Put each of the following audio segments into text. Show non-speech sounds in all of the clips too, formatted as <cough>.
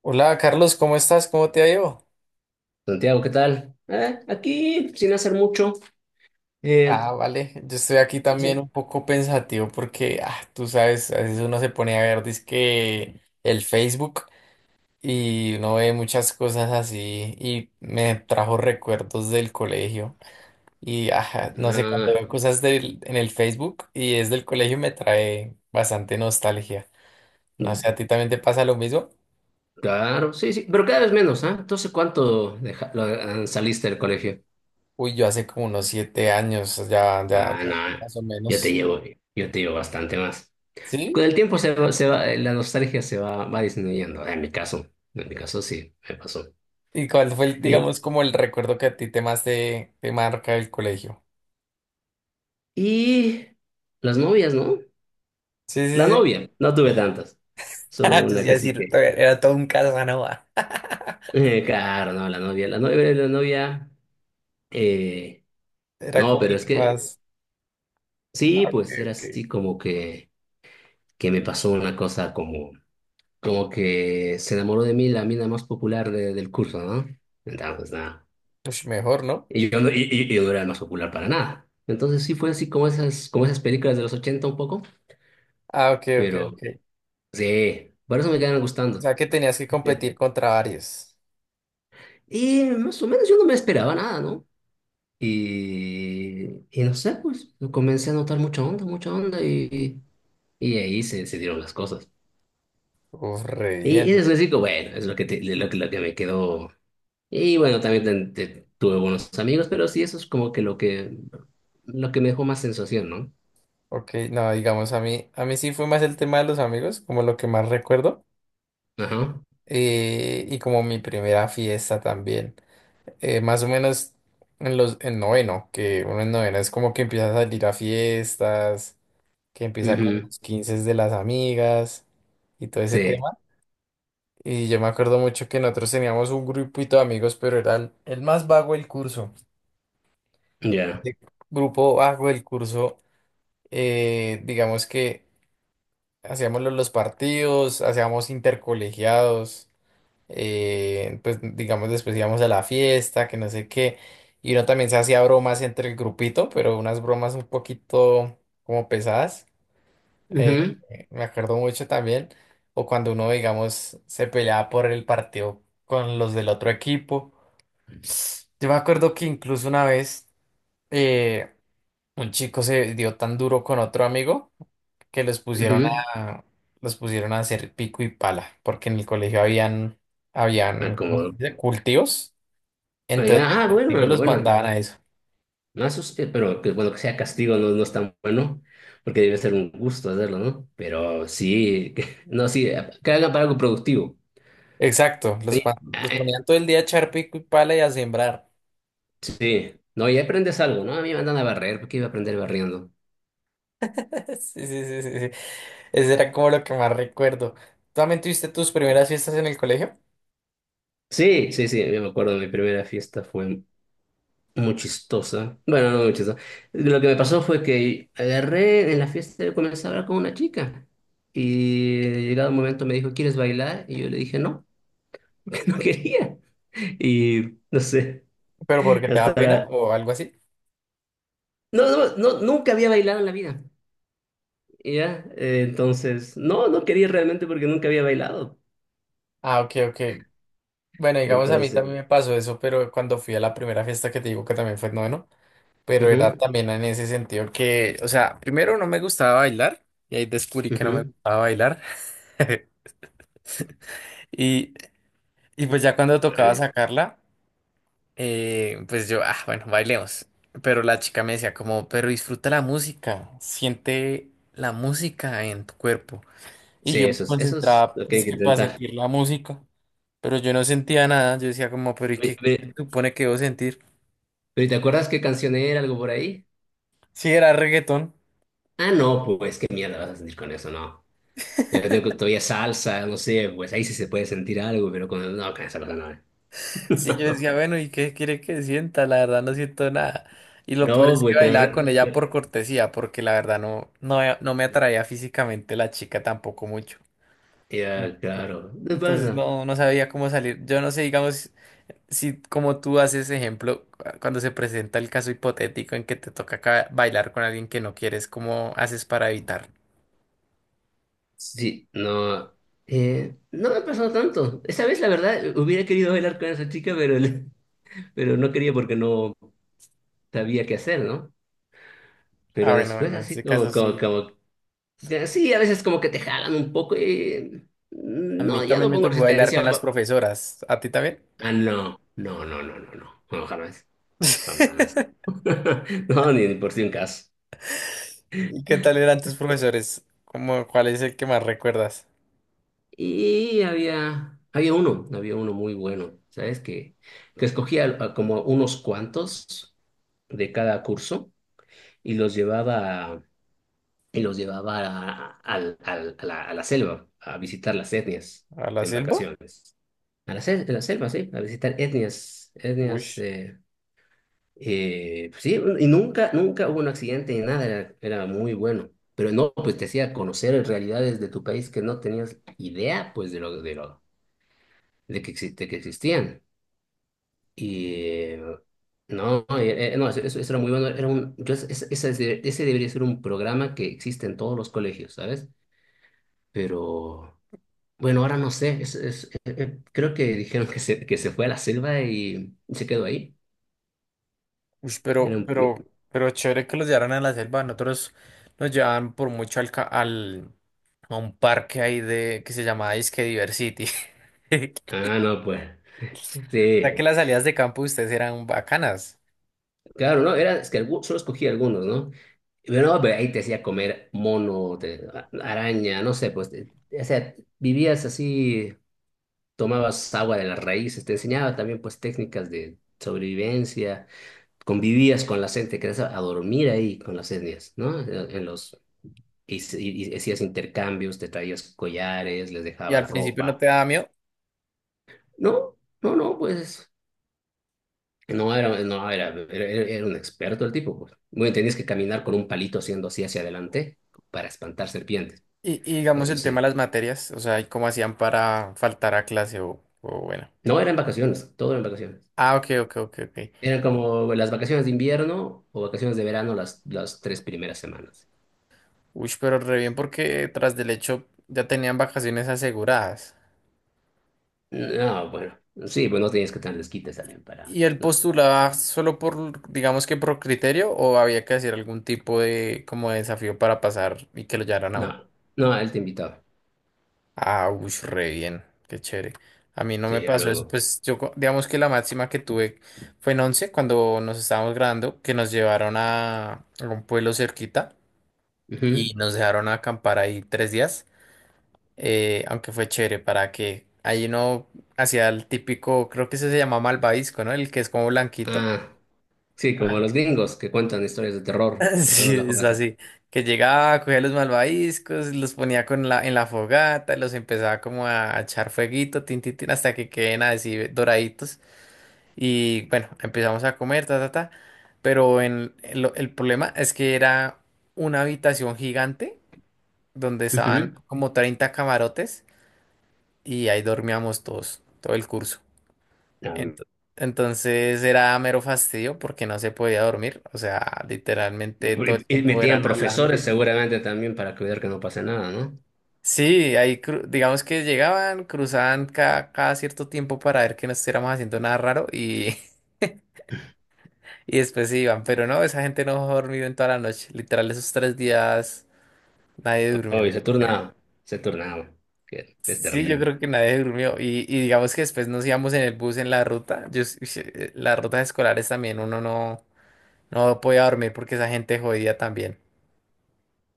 Hola Carlos, ¿cómo estás? ¿Cómo te ha ido? Santiago, ¿qué tal? Aquí, sin hacer mucho. Ah, Eh, vale, yo estoy aquí también sí. un poco pensativo porque, tú sabes, a veces uno se pone a ver dizque el Facebook y uno ve muchas cosas así y me trajo recuerdos del colegio y, no sé, cuando Ah, veo cosas en el Facebook y es del colegio me trae bastante nostalgia. No sé, ¿a ti también te pasa lo mismo? claro, sí, sí, pero cada vez menos, ¿ah? Entonces, ¿cuánto deja- lo- ah, saliste del colegio? Uy, yo hace como unos 7 años, ya, ya, Ah, ya, no, más o yo te menos. llevo, yo te llevo bastante más. ¿Sí? Con el tiempo se va, la nostalgia se va, va disminuyendo, en mi caso sí, me pasó. ¿Y cuál fue, Y, digamos, como el recuerdo que a ti te más te, te marca el colegio? y las novias, ¿no? Sí, sí, La sí. novia, no tuve tantas, solo <laughs> Yo sí una iba a que sí decir, que... era todo un Casanova. Claro, no, la novia, la novia, la novia... Eh, <laughs> Era No, como pero el es que que más... sí, Ok, pues era ok. así como que me pasó una cosa como, como que se enamoró de mí la mina más popular del curso, ¿no? Entonces, nada. Ush, mejor, ¿no? Y yo no, y yo no era el más popular para nada. Entonces sí fue así como esas películas de los 80 un poco, Ah, ok, ok, pero ok. sí, por eso me Y- quedaron O gustando. sea que tenías que <laughs> competir contra varios. Y más o menos yo no me esperaba nada, ¿no? Y, y no sé, pues comencé a notar mucha onda , y ahí se dieron las cosas. Uf, re Y bien. después digo, bueno, es lo que, lo que me quedó. Y bueno, también tuve buenos amigos, pero sí, eso es como que lo que, lo que me dejó más sensación, ¿no? Ok, no, digamos, a mí sí fue más el tema de los amigos, como lo que más recuerdo. Ajá. Y como mi primera fiesta también. Más o menos en noveno, que uno en noveno es como que empieza a salir a fiestas, que empieza con Ujú. los 15 de las amigas y todo ese Sí, tema. Y yo me acuerdo mucho que nosotros teníamos un grupito de amigos, pero era el más vago del curso. ya. El grupo vago del curso, digamos que hacíamos los partidos, hacíamos intercolegiados. Pues digamos después íbamos a la fiesta, que no sé qué, y uno también se hacía bromas entre el grupito, pero unas bromas un poquito como pesadas, eh, Ujú, me acuerdo mucho también, o cuando uno, digamos, se peleaba por el partido con los del otro equipo. Yo me acuerdo que incluso una vez, eh, un chico se dio tan duro con otro amigo que los pusieron ujú. a, los pusieron a hacer pico y pala, porque en el colegio habían, Ah, habían, ¿cómo se como, dice? Cultivos. ah, Entonces, ya, ah, de bueno, castigo ah, los bueno. mandaban a eso. Pero que bueno, que sea castigo no, no es tan bueno, porque debe ser un gusto hacerlo, ¿no? Pero sí, no, sí, que hagan para algo productivo. Exacto, los, Sí, los ponían todo el día a echar pico y pala y a sembrar. sí. No, y aprendes algo, ¿no? A mí me andan a barrer, ¿por qué iba a aprender barriendo? <laughs> Sí, sí, sí, sí, sí. Ese era como lo que más recuerdo. ¿Tú también tuviste tus primeras fiestas en el colegio? Sí, sí, sí, yo me acuerdo de mi primera fiesta, fue muy chistosa. Bueno, no muy chistosa. Lo que me pasó fue que agarré en la fiesta, comencé a hablar con una chica y llegado un momento me dijo, ¿quieres bailar? Y yo le dije, no, <laughs> porque no quería. Y no sé, ¿Pero porque te hasta da pena ahora... o algo así? No, no, no, nunca había bailado en la vida, ¿ya? Entonces, no, no quería realmente porque nunca había bailado. Ah, ok, ok. Bueno, digamos, a mí Entonces, también me pasó eso, pero cuando fui a la primera fiesta que te digo que también fue en noveno. Pero ujú, era también en ese sentido que, o sea, primero no me gustaba bailar y ahí descubrí que no me ujú. gustaba bailar. <laughs> Y, y pues ya cuando tocaba Vale. sacarla, pues yo, bueno, bailemos. Pero la chica me decía como, pero disfruta la música, siente la música en tu cuerpo. Y Sí, yo me eso es concentraba, lo que hay que dizque para intentar. sentir la música, pero yo no sentía nada. Yo decía como, pero ¿y Ve- qué se ve- supone que debo sentir? ¿Pero y te acuerdas qué canción era, algo por ahí? Sí, era reggaetón. Ah, no, pues qué mierda vas a sentir con eso, no. Ya te digo que todavía salsa, no sé, pues ahí sí se puede sentir algo, pero con... no, con esa cosa no. Sí, yo decía, <laughs> bueno, ¿y qué quiere que sienta? La verdad no siento nada. Y lo peor No, es que pues con... bailaba con ella por cortesía, porque la verdad no, no, no me atraía físicamente la chica tampoco mucho. ya, Ento- claro. ¿Qué Entonces pasa? no, no sabía cómo salir. Yo no sé, digamos, si como tú haces ejemplo, cuando se presenta el caso hipotético en que te toca bailar con alguien que no quieres, ¿cómo haces para evitar? Sí, no... no me ha pasado tanto. Esa vez, la verdad, hubiera querido bailar con esa chica, pero, <laughs> pero no quería porque no sabía qué hacer, ¿no? Ah, Pero bueno, después en así ese caso sí. como... ya, sí, a veces como que te jalan un poco y... A mí no, ya también no me pongo tocó bailar con las resistencia. profesoras. ¿A ti también? Ah, no, no, no, no, no, no, no, jamás, jamás. <laughs> <laughs> No, ni por si un caso. ¿Y qué tal eran tus profesores? ¿Cómo, cuál es el que más recuerdas? Había uno, había uno muy bueno, ¿sabes? Que escogía a como unos cuantos de cada curso y y los llevaba a la selva, a visitar las etnias ¿A la en selva? vacaciones. A la selva, sí, a visitar etnias, Uy, etnias, pues sí, y nunca, nunca hubo un accidente ni nada, era, era muy bueno. Pero no, pues te hacía conocer realidades de tu país que no tenías idea, pues, de lo, de lo, de que existían. Y no, no, Eso, eso era muy bueno. Era un, ese, ese debería ser un programa que existe en todos los colegios, ¿sabes? Pero bueno, ahora no sé, creo que dijeron que se fue a la selva y se quedó ahí. uy, Era un- pero chévere que los llevaran a la selva. Nosotros nos llevaban por mucho al a un parque ahí de que se llamaba Disque Diversity. <laughs> No, pues. O sea que Sí. las salidas de campo de ustedes eran bacanas. Claro, ¿no? Era, solo escogí algunos, ¿no? Pero no, pero ahí te hacía comer mono, araña, no sé, pues, o sea, vivías así, tomabas agua de las raíces, te enseñaba también, pues, técnicas de sobrevivencia, convivías con la gente, querías a dormir ahí con las etnias, ¿no? En los, y hacías intercambios, te traías collares, les Y al dejabas principio no ropa. te daba miedo. No, no, no, pues. No, era, era un experto el tipo, pues. Bueno, tenías que caminar con un palito haciendo así hacia adelante para espantar serpientes. Y digamos Eso el tema sí. de las materias, o sea, y cómo hacían para faltar a clase o bueno. No, eran vacaciones, todo eran vacaciones. Ah, ok, ok, ok, ok. Eran como las vacaciones de invierno o vacaciones de verano las tres primeras semanas. Uy, pero re bien porque tras del hecho ya tenían vacaciones aseguradas. No, bueno, sí, pues no tenías que tener desquites también para... ¿Y él No, postulaba solo por, digamos que por criterio o había que hacer algún tipo de como de desafío para pasar y que lo llevaran a uno? no, no, él te invitaba. Ah, uy, re bien, qué chévere. A mí no me Sí, pasó eso, algo. pues yo digamos que la máxima que tuve fue en 11 cuando nos estábamos graduando, que nos llevaron a un pueblo cerquita Ujú. y nos dejaron acampar ahí 3 días. Aunque fue chévere para que ahí uno hacía el típico, creo que ese se llama malvavisco, ¿no? El que es como blanquito. Ah, sí, como Ah, los gringos que cuentan historias de terror <laughs> alrededor de sí, la es fogata. así, que llegaba, cogía los malvaviscos, los ponía con en la fogata, los empezaba como a echar fueguito, tin, tin, tin, hasta que queden así doraditos. Y bueno, empezamos a comer, ta, ta, ta. Pero el problema es que era una habitación gigante donde estaban Ujú. como 30 camarotes y ahí dormíamos todos, todo el curso. Ent- Ah, entonces era mero fastidio porque no se podía dormir. O sea, y, literalmente todo el y tiempo metían eran hablando. profesores seguramente también para cuidar que no pase nada, ¿no? Sí, ahí digamos que llegaban, cruzaban cada cierto tiempo para ver que no estuviéramos haciendo nada raro y, <laughs> y después se iban. Pero no, esa gente no ha dormido en toda la noche. Literal, esos tres días nadie durmió, Oye, yo creo. Se turnaba, que es Sí, yo terrible. creo que nadie durmió. Y digamos que después nos íbamos en el bus en la ruta. Yo, ush, las rutas escolares también uno no, no podía dormir porque esa gente jodía también.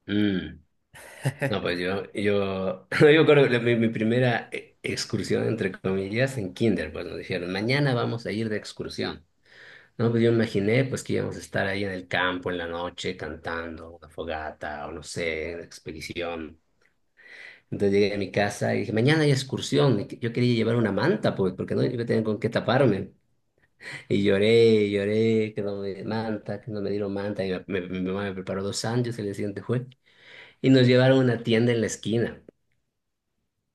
Mm. No, pues <laughs> yo creo que mi, mi primera excursión, entre comillas, en kinder, pues nos dijeron, mañana vamos a ir de excursión. No, pues yo imaginé, pues que íbamos a estar ahí en el campo en la noche cantando una fogata o no sé, una expedición. Entonces llegué a mi casa y dije, mañana hay excursión. Yo quería llevar una manta, pues, porque no iba a tener con qué taparme. Y lloré, lloré, que no me dieron manta, que no me dieron manta. Y mi mamá me preparó 2 sándwiches el día siguiente fue. Y nos llevaron a una tienda en la esquina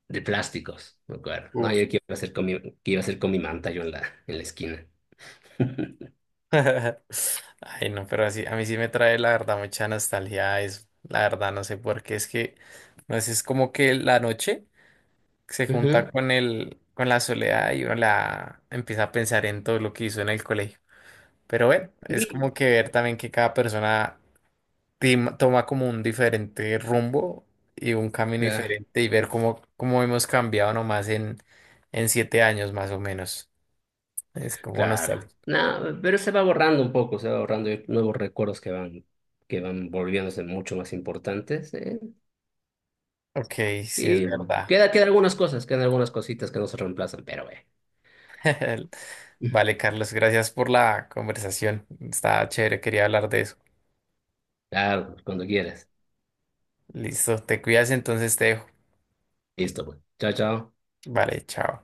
de plásticos, me acuerdo. No, Uf. yo qué iba a hacer con mi, qué iba a hacer con mi manta yo en la esquina. <laughs> <laughs> Ay, no, pero así, a mí sí me trae la verdad mucha nostalgia eso. La verdad, no sé por qué, es que, no sé, es como que la noche se Ujú. junta con con la soledad y uno la empieza a pensar en todo lo que hizo en el colegio. Pero bueno, es Y- como que ver también que cada persona toma como un diferente rumbo y un camino ya, diferente y ver cómo, cómo hemos cambiado nomás en 7 años más o menos. Es como claro. nostálgico. No, pero se va borrando un poco, se va borrando. Hay nuevos recuerdos que van volviéndose mucho más importantes. ¿Eh? Ok, sí es Y bueno, verdad. queda, quedan algunas cosas, quedan algunas cositas que no se reemplazan, pero <laughs> Vale, Carlos, gracias por la conversación. Está chévere, quería hablar de eso. claro, cuando quieras. Listo, te cuidas, entonces te dejo. Listo, pues. Chao, chao. Vale, chao.